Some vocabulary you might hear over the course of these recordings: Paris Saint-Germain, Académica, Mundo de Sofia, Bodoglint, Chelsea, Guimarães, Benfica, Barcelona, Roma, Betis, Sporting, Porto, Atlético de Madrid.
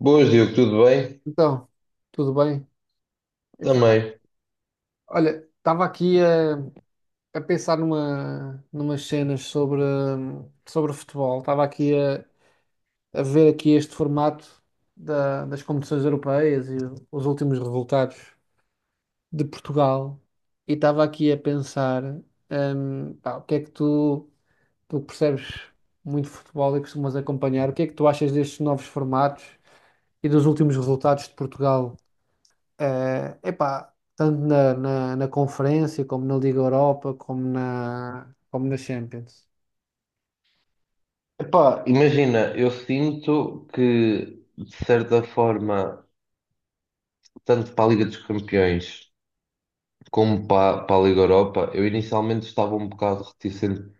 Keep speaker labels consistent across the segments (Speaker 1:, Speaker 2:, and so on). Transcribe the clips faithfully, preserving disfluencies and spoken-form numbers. Speaker 1: Boas, Diogo, tudo bem?
Speaker 2: Então, tudo bem? Epá,
Speaker 1: Também.
Speaker 2: olha, estava aqui a, a pensar numa, numas cenas sobre, hum, sobre o futebol. Estava aqui a, a ver aqui este formato da- das competições europeias e os últimos resultados de Portugal. E estava aqui a pensar, hum, pá, o que é que tu, tu que percebes muito de futebol e costumas acompanhar, o que é que tu achas destes novos formatos e dos últimos resultados de Portugal? Eh, epá, tanto na, na, na conferência, como na Liga Europa, como na, como na Champions.
Speaker 1: Epá, imagina, eu sinto que, de certa forma, tanto para a Liga dos Campeões como para, para a Liga Europa, eu inicialmente estava um bocado reticente a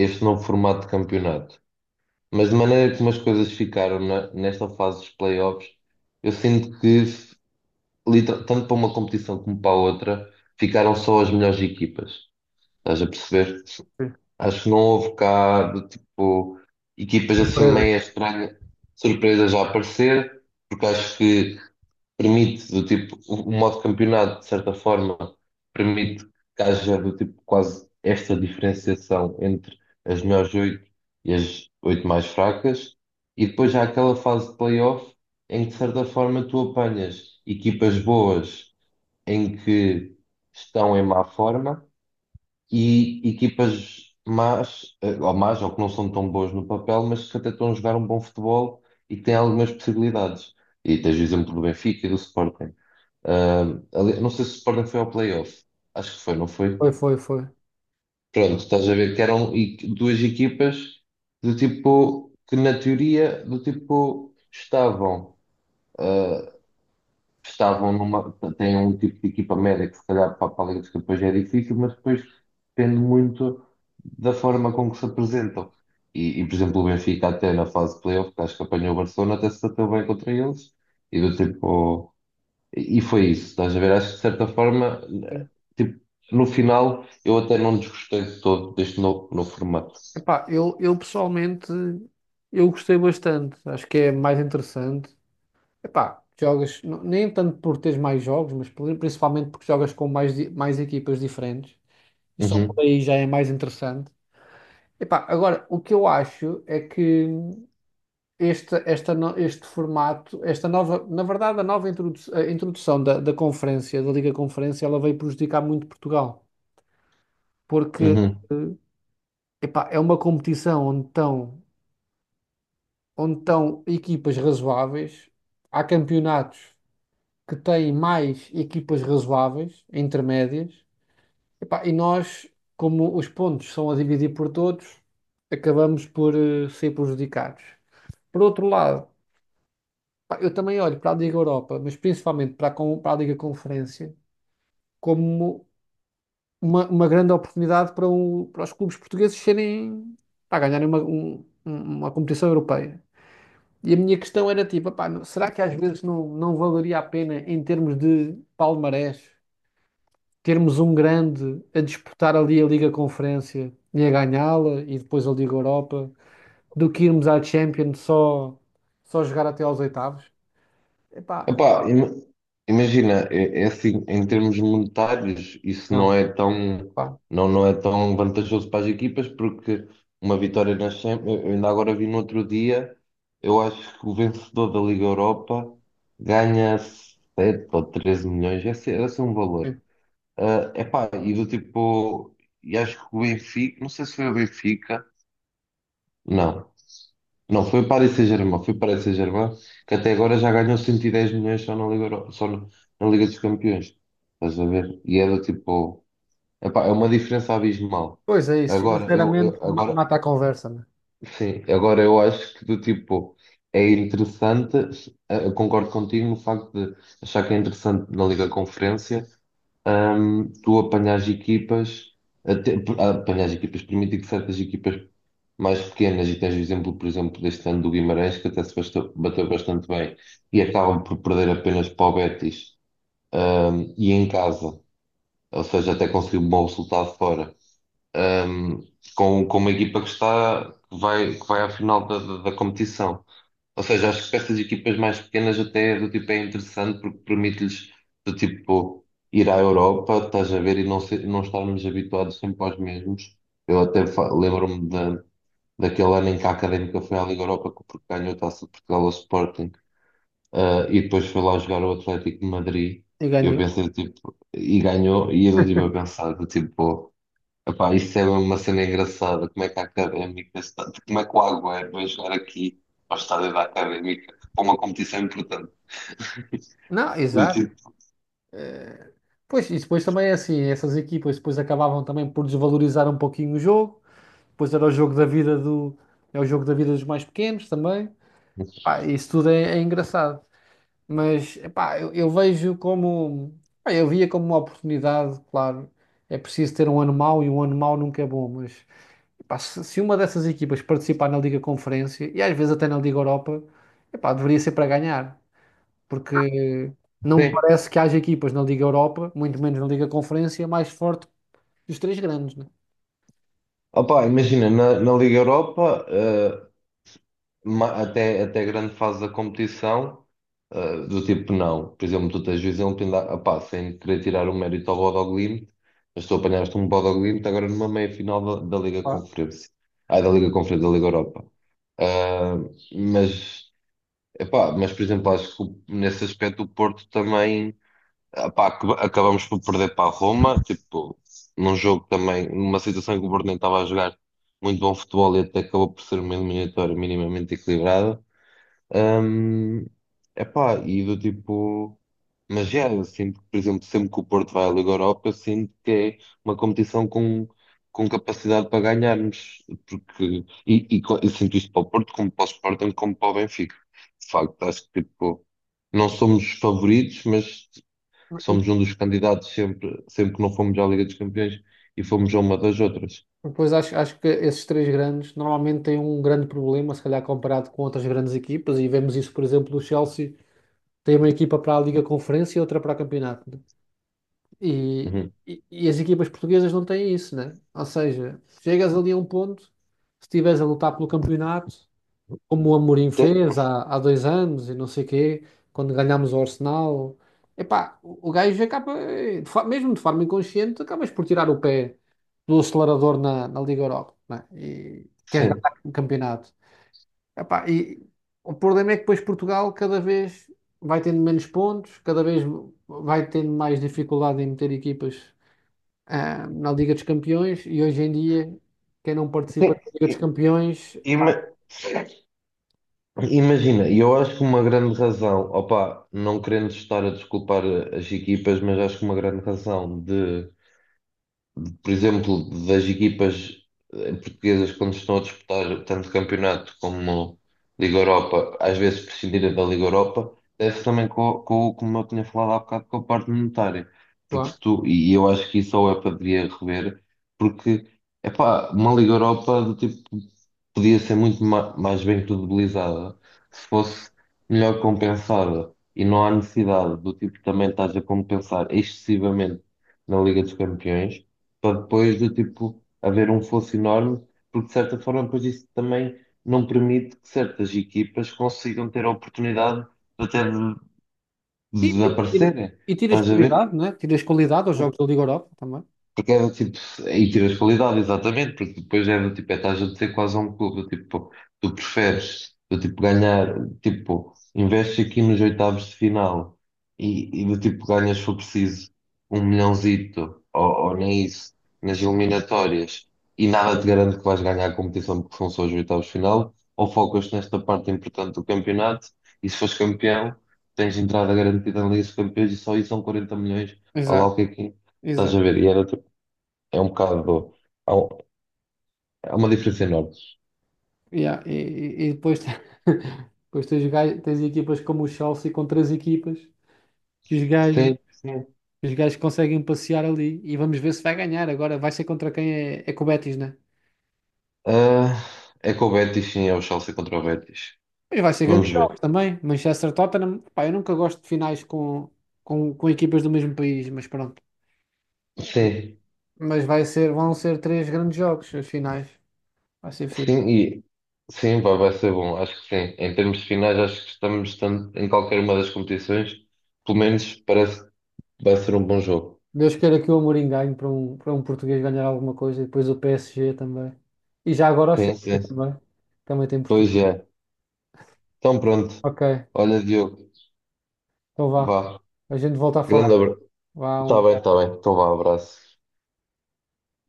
Speaker 1: este novo formato de campeonato. Mas de maneira como as coisas ficaram na- nesta fase dos playoffs, eu sinto que, liter- tanto para uma competição como para a outra, ficaram só as melhores equipas. Estás a perceber?
Speaker 2: Sim.
Speaker 1: Acho que não houve cá de tipo equipas assim
Speaker 2: Surpresa.
Speaker 1: meio estranhas, surpresas a aparecer, porque acho que permite do tipo, o o modo campeonato, de certa forma, permite que haja do tipo quase esta diferenciação entre as melhores oito e as oito mais fracas, e depois há aquela fase de playoff em que de certa forma tu apanhas equipas boas em que estão em má forma e equipas más, eh, ou más, ou que não são tão boas no papel, mas que até estão a jogar um bom futebol e que têm algumas possibilidades. E tens o exemplo do Benfica e do Sporting. Ah, ali- não sei se o Sporting foi ao playoff. Acho que foi, não foi?
Speaker 2: Foi, foi, foi.
Speaker 1: Pronto, estás a ver que eram e- duas equipas do tipo que na teoria do tipo estavam. Ah, estavam numa, têm um tipo de equipa média que se calhar para, para a Liga dos Campeões é difícil, mas depois depende muito da forma com que se apresentam. E, e, por exemplo, o Benfica até na fase de playoff, que acho que apanhou o Barcelona, até se bateu bem contra eles, e do tipo, e e foi isso, estás a ver? Acho que de certa forma,
Speaker 2: Sim.
Speaker 1: tipo, no final, eu até não desgostei de todo deste novo, novo formato.
Speaker 2: Epá, eu, eu pessoalmente eu gostei bastante. Acho que é mais interessante. Epá, jogas n- nem tanto por teres mais jogos, mas por- principalmente porque jogas com mais, di- mais equipas diferentes. E só por
Speaker 1: Uhum,
Speaker 2: aí já é mais interessante. Epá, agora, o que eu acho é que este, esta no- este formato, esta nova, na verdade, a nova introdu- a introdução da, da conferência, da Liga Conferência, ela veio prejudicar muito Portugal, porque
Speaker 1: uhum.
Speaker 2: eh, epá, é uma competição onde estão, onde estão equipas razoáveis, há campeonatos que têm mais equipas razoáveis, intermédias, epá, e nós, como os pontos são a dividir por todos, acabamos por eh, ser prejudicados. Por outro lado, pá, eu também olho para a Liga Europa, mas principalmente para a, con- para a Liga Conferência, como uma, uma grande oportunidade para, o- para os clubes portugueses serem, para ganharem uma, um- um, uma competição europeia. E a minha questão era tipo, "Epá, não- será que às vezes não, não valeria a pena, em termos de palmarés, termos um grande a disputar ali a Liga Conferência e a ganhá-la e depois a Liga Europa, do que irmos à Champions só, só jogar até aos oitavos? Epá,
Speaker 1: Epá, ima- imagina, é, é assim, em termos monetários, isso não
Speaker 2: não.
Speaker 1: é tão,
Speaker 2: Pá.
Speaker 1: não, não é tão vantajoso para as equipas, porque uma vitória na Champions, eu ainda agora vi no outro dia, eu acho que o vencedor da Liga Europa ganha sete ou treze milhões, esse, esse é um valor. É epá, e do tipo, e acho que o Benfica, não sei se foi o Benfica, não. Não, foi o Paris Saint-Germain, foi o Paris Saint-Germain, que até agora já ganhou cento e dez milhões só na Liga, Euro- só na, na Liga dos Campeões. Estás a ver? E é do tipo, epá, é uma diferença abismal.
Speaker 2: Pois é isso,
Speaker 1: Agora, eu,
Speaker 2: financeiramente
Speaker 1: eu-
Speaker 2: ma-
Speaker 1: agora,
Speaker 2: mata a conversa, né?
Speaker 1: sim, agora eu acho que do tipo, é interessante, eh, eu concordo contigo no facto de achar que é interessante na Liga Conferência, hum, tu apanhas equipas, até, apanhas equipas, permite que certas equipas mais pequenas, e tens o exemplo, por exemplo, deste ano do Guimarães, que até se bastou- bateu bastante bem, e acabam por perder apenas para o Betis, hum, e em casa, ou seja, até conseguiu um bom resultado fora, hum, com, com uma equipa que está, que vai, que vai à final da, da, da competição. Ou seja, acho que para estas equipas mais pequenas até do tipo é interessante porque permite-lhes do tipo ir à Europa, estás a ver, e não, ser, não estarmos habituados sempre aos mesmos. Eu até fa- lembro-me da, daquele ano em que a Académica foi à Liga Europa que porque ganhou a Taça de Portugal ao Sporting, ah, e depois foi lá jogar ao Atlético de Madrid.
Speaker 2: E
Speaker 1: E eu
Speaker 2: ganhou.
Speaker 1: pensei, tipo, e ganhou, e eu estive a pensar, do tipo, epá, isso é uma cena engraçada. Como é que a Académica está. Como é que o Agüero vai jogar aqui ao estádio da Académica para uma competição importante?
Speaker 2: Não,
Speaker 1: Eu
Speaker 2: exato.
Speaker 1: digo,
Speaker 2: Pois, e depois também é assim, essas equipas depois acabavam também por desvalorizar um pouquinho o jogo, depois era o jogo da vida do, é o jogo da vida dos mais pequenos também. Pá, isso tudo é, é engraçado. Mas, epá, eu, eu vejo como, pá, eu via como uma oportunidade, claro, é preciso ter um ano mau e um ano mau nunca é bom, mas, epá, se, se uma dessas equipas participar na Liga Conferência, e às vezes até na Liga Europa, epá, deveria ser para ganhar, porque não me
Speaker 1: sim.
Speaker 2: parece que haja equipas na Liga Europa, muito menos na Liga Conferência, mais forte que os três grandes, né?
Speaker 1: Opá, imagina, na, na Liga Europa, eh, ma- até, até a grande fase da competição, eh, do tipo, não. Por exemplo, tu tens o exemplo, ainda, opá, sem querer tirar o mérito ao Bodoglint, mas tu apanhaste um Bodoglint agora numa meia-final da, da Liga
Speaker 2: Claro.
Speaker 1: Conferência. Ah, da Liga Conferência, da Liga Europa. Ah, mas Epá, mas por exemplo, acho que o- nesse aspecto o Porto também epá, ac- acabamos por perder para a Roma, tipo, num jogo também, numa situação em que o Porto nem estava a jogar muito bom futebol e até acabou por ser uma eliminatória minimamente equilibrada. Hum, epá, e do tipo. Mas já, eu sinto que, por exemplo, sempre que o Porto vai à Liga Europa, eu sinto que é uma competição com, com, capacidade para ganharmos. Porque, e, e co- eu sinto isto para o Porto, como para o Sporting, como para o Benfica. De facto, acho que tipo, não somos os favoritos, mas somos um dos candidatos sempre, sempre que não fomos à Liga dos Campeões e fomos a uma das outras.
Speaker 2: Depois acho, acho que esses três grandes normalmente têm um grande problema, se calhar comparado com outras grandes equipas, e vemos isso, por exemplo, do Chelsea, tem uma equipa para a Liga Conferência e outra para o campeonato, né? E,
Speaker 1: Uhum.
Speaker 2: e, e as equipas portuguesas não têm isso, né? Ou seja, chegas ali a um ponto, se estiveres a lutar pelo campeonato, como o Amorim
Speaker 1: Tem-
Speaker 2: fez há, há dois anos e não sei quê, quando ganhámos o Arsenal. Epá, o o gajo acaba, eh, de fa- mesmo de forma inconsciente, acabas por tirar o pé do acelerador na, na Liga Europa, né? E queres
Speaker 1: Sim.
Speaker 2: ganhar o campeonato. Epá, e o problema é que depois Portugal cada vez vai tendo menos pontos, cada vez vai tendo mais dificuldade em meter equipas, ah, na Liga dos Campeões e hoje em dia quem não participa
Speaker 1: Tem-
Speaker 2: da Liga dos
Speaker 1: e-
Speaker 2: Campeões,
Speaker 1: e- mas- Imagina, e eu acho que uma grande razão, opa, não querendo estar a desculpar as equipas, mas acho que uma grande razão de por exemplo, das equipas eh, portuguesas quando estão a disputar tanto campeonato como Liga Europa, às vezes prescindirem da Liga Europa, deve-se também, com, com, como eu tinha falado há bocado, com a parte monetária. Porque
Speaker 2: claro.
Speaker 1: se tu, e eu acho que isso a UEFA deveria rever, porque, epá, uma Liga Europa do tipo podia ser muito ma- mais bem credibilizada se fosse melhor compensada. E não há necessidade do tipo também estás a compensar excessivamente na Liga dos Campeões, para depois de tipo haver um fosso enorme, porque de certa forma depois isso também não permite que certas equipas consigam ter a oportunidade de até de
Speaker 2: E, e-
Speaker 1: desaparecerem.
Speaker 2: e tiras
Speaker 1: Estás a ver?
Speaker 2: qualidade, não é? Tiras qualidade aos jogos da Liga Europa também.
Speaker 1: Porque é do tipo, aí tiras qualidade, exatamente, porque depois é do tipo, é estás a dizer quase a um clube, do tipo, tu preferes, do tipo, ganhar, tipo, investes aqui nos oitavos de final e, e do tipo, ganhas se for preciso um milhãozito, ou, ou nem isso, nas eliminatórias, e nada te garante que vais ganhar a competição porque são só os oitavos de final, ou focas nesta parte importante do campeonato, e se fores campeão, tens entrada garantida na Liga dos Campeões e só isso são quarenta milhões, a lá o
Speaker 2: Exato,
Speaker 1: que é que é. Estás
Speaker 2: exato.
Speaker 1: a ver? E era tipo é um bocado. Há, um- há uma diferença enorme.
Speaker 2: Yeah. E, e- e depois, te- depois tens, gai- tens equipas como o Chelsea com três equipas que os gajos,
Speaker 1: Sim, sim.
Speaker 2: os gajos conseguem passear ali e vamos ver se vai ganhar. Agora vai ser contra quem é, é com o Betis, né?
Speaker 1: Ah, é com o Betis, sim, é o Chelsea contra o Betis.
Speaker 2: Mas vai ser
Speaker 1: Vamos
Speaker 2: grandes
Speaker 1: ver.
Speaker 2: jogos também. Manchester Tottenham, pá, eu nunca gosto de finais com, com, com equipas do mesmo país, mas pronto.
Speaker 1: Sim,
Speaker 2: Mas vai ser, vão ser três grandes jogos, as finais. Vai ser fixe.
Speaker 1: sim, e sim, vai, vai ser bom. Acho que sim. Em termos de finais, acho que estamos tanto em qualquer uma das competições. Pelo menos parece que vai ser um bom jogo.
Speaker 2: Deus queira que o Amorim ganhe para um, para um português ganhar alguma coisa e depois o P S G também. E já agora o Chelsea
Speaker 1: Sim, sim.
Speaker 2: também. Também tem
Speaker 1: Pois
Speaker 2: Portugal.
Speaker 1: é. Então pronto.
Speaker 2: Ok,
Speaker 1: Olha, Diogo,
Speaker 2: então vá.
Speaker 1: vá.
Speaker 2: A gente volta a falar.
Speaker 1: Grande abraço.
Speaker 2: Vá, um
Speaker 1: Está bem, está
Speaker 2: abraço.
Speaker 1: bem. Então vá, abraço.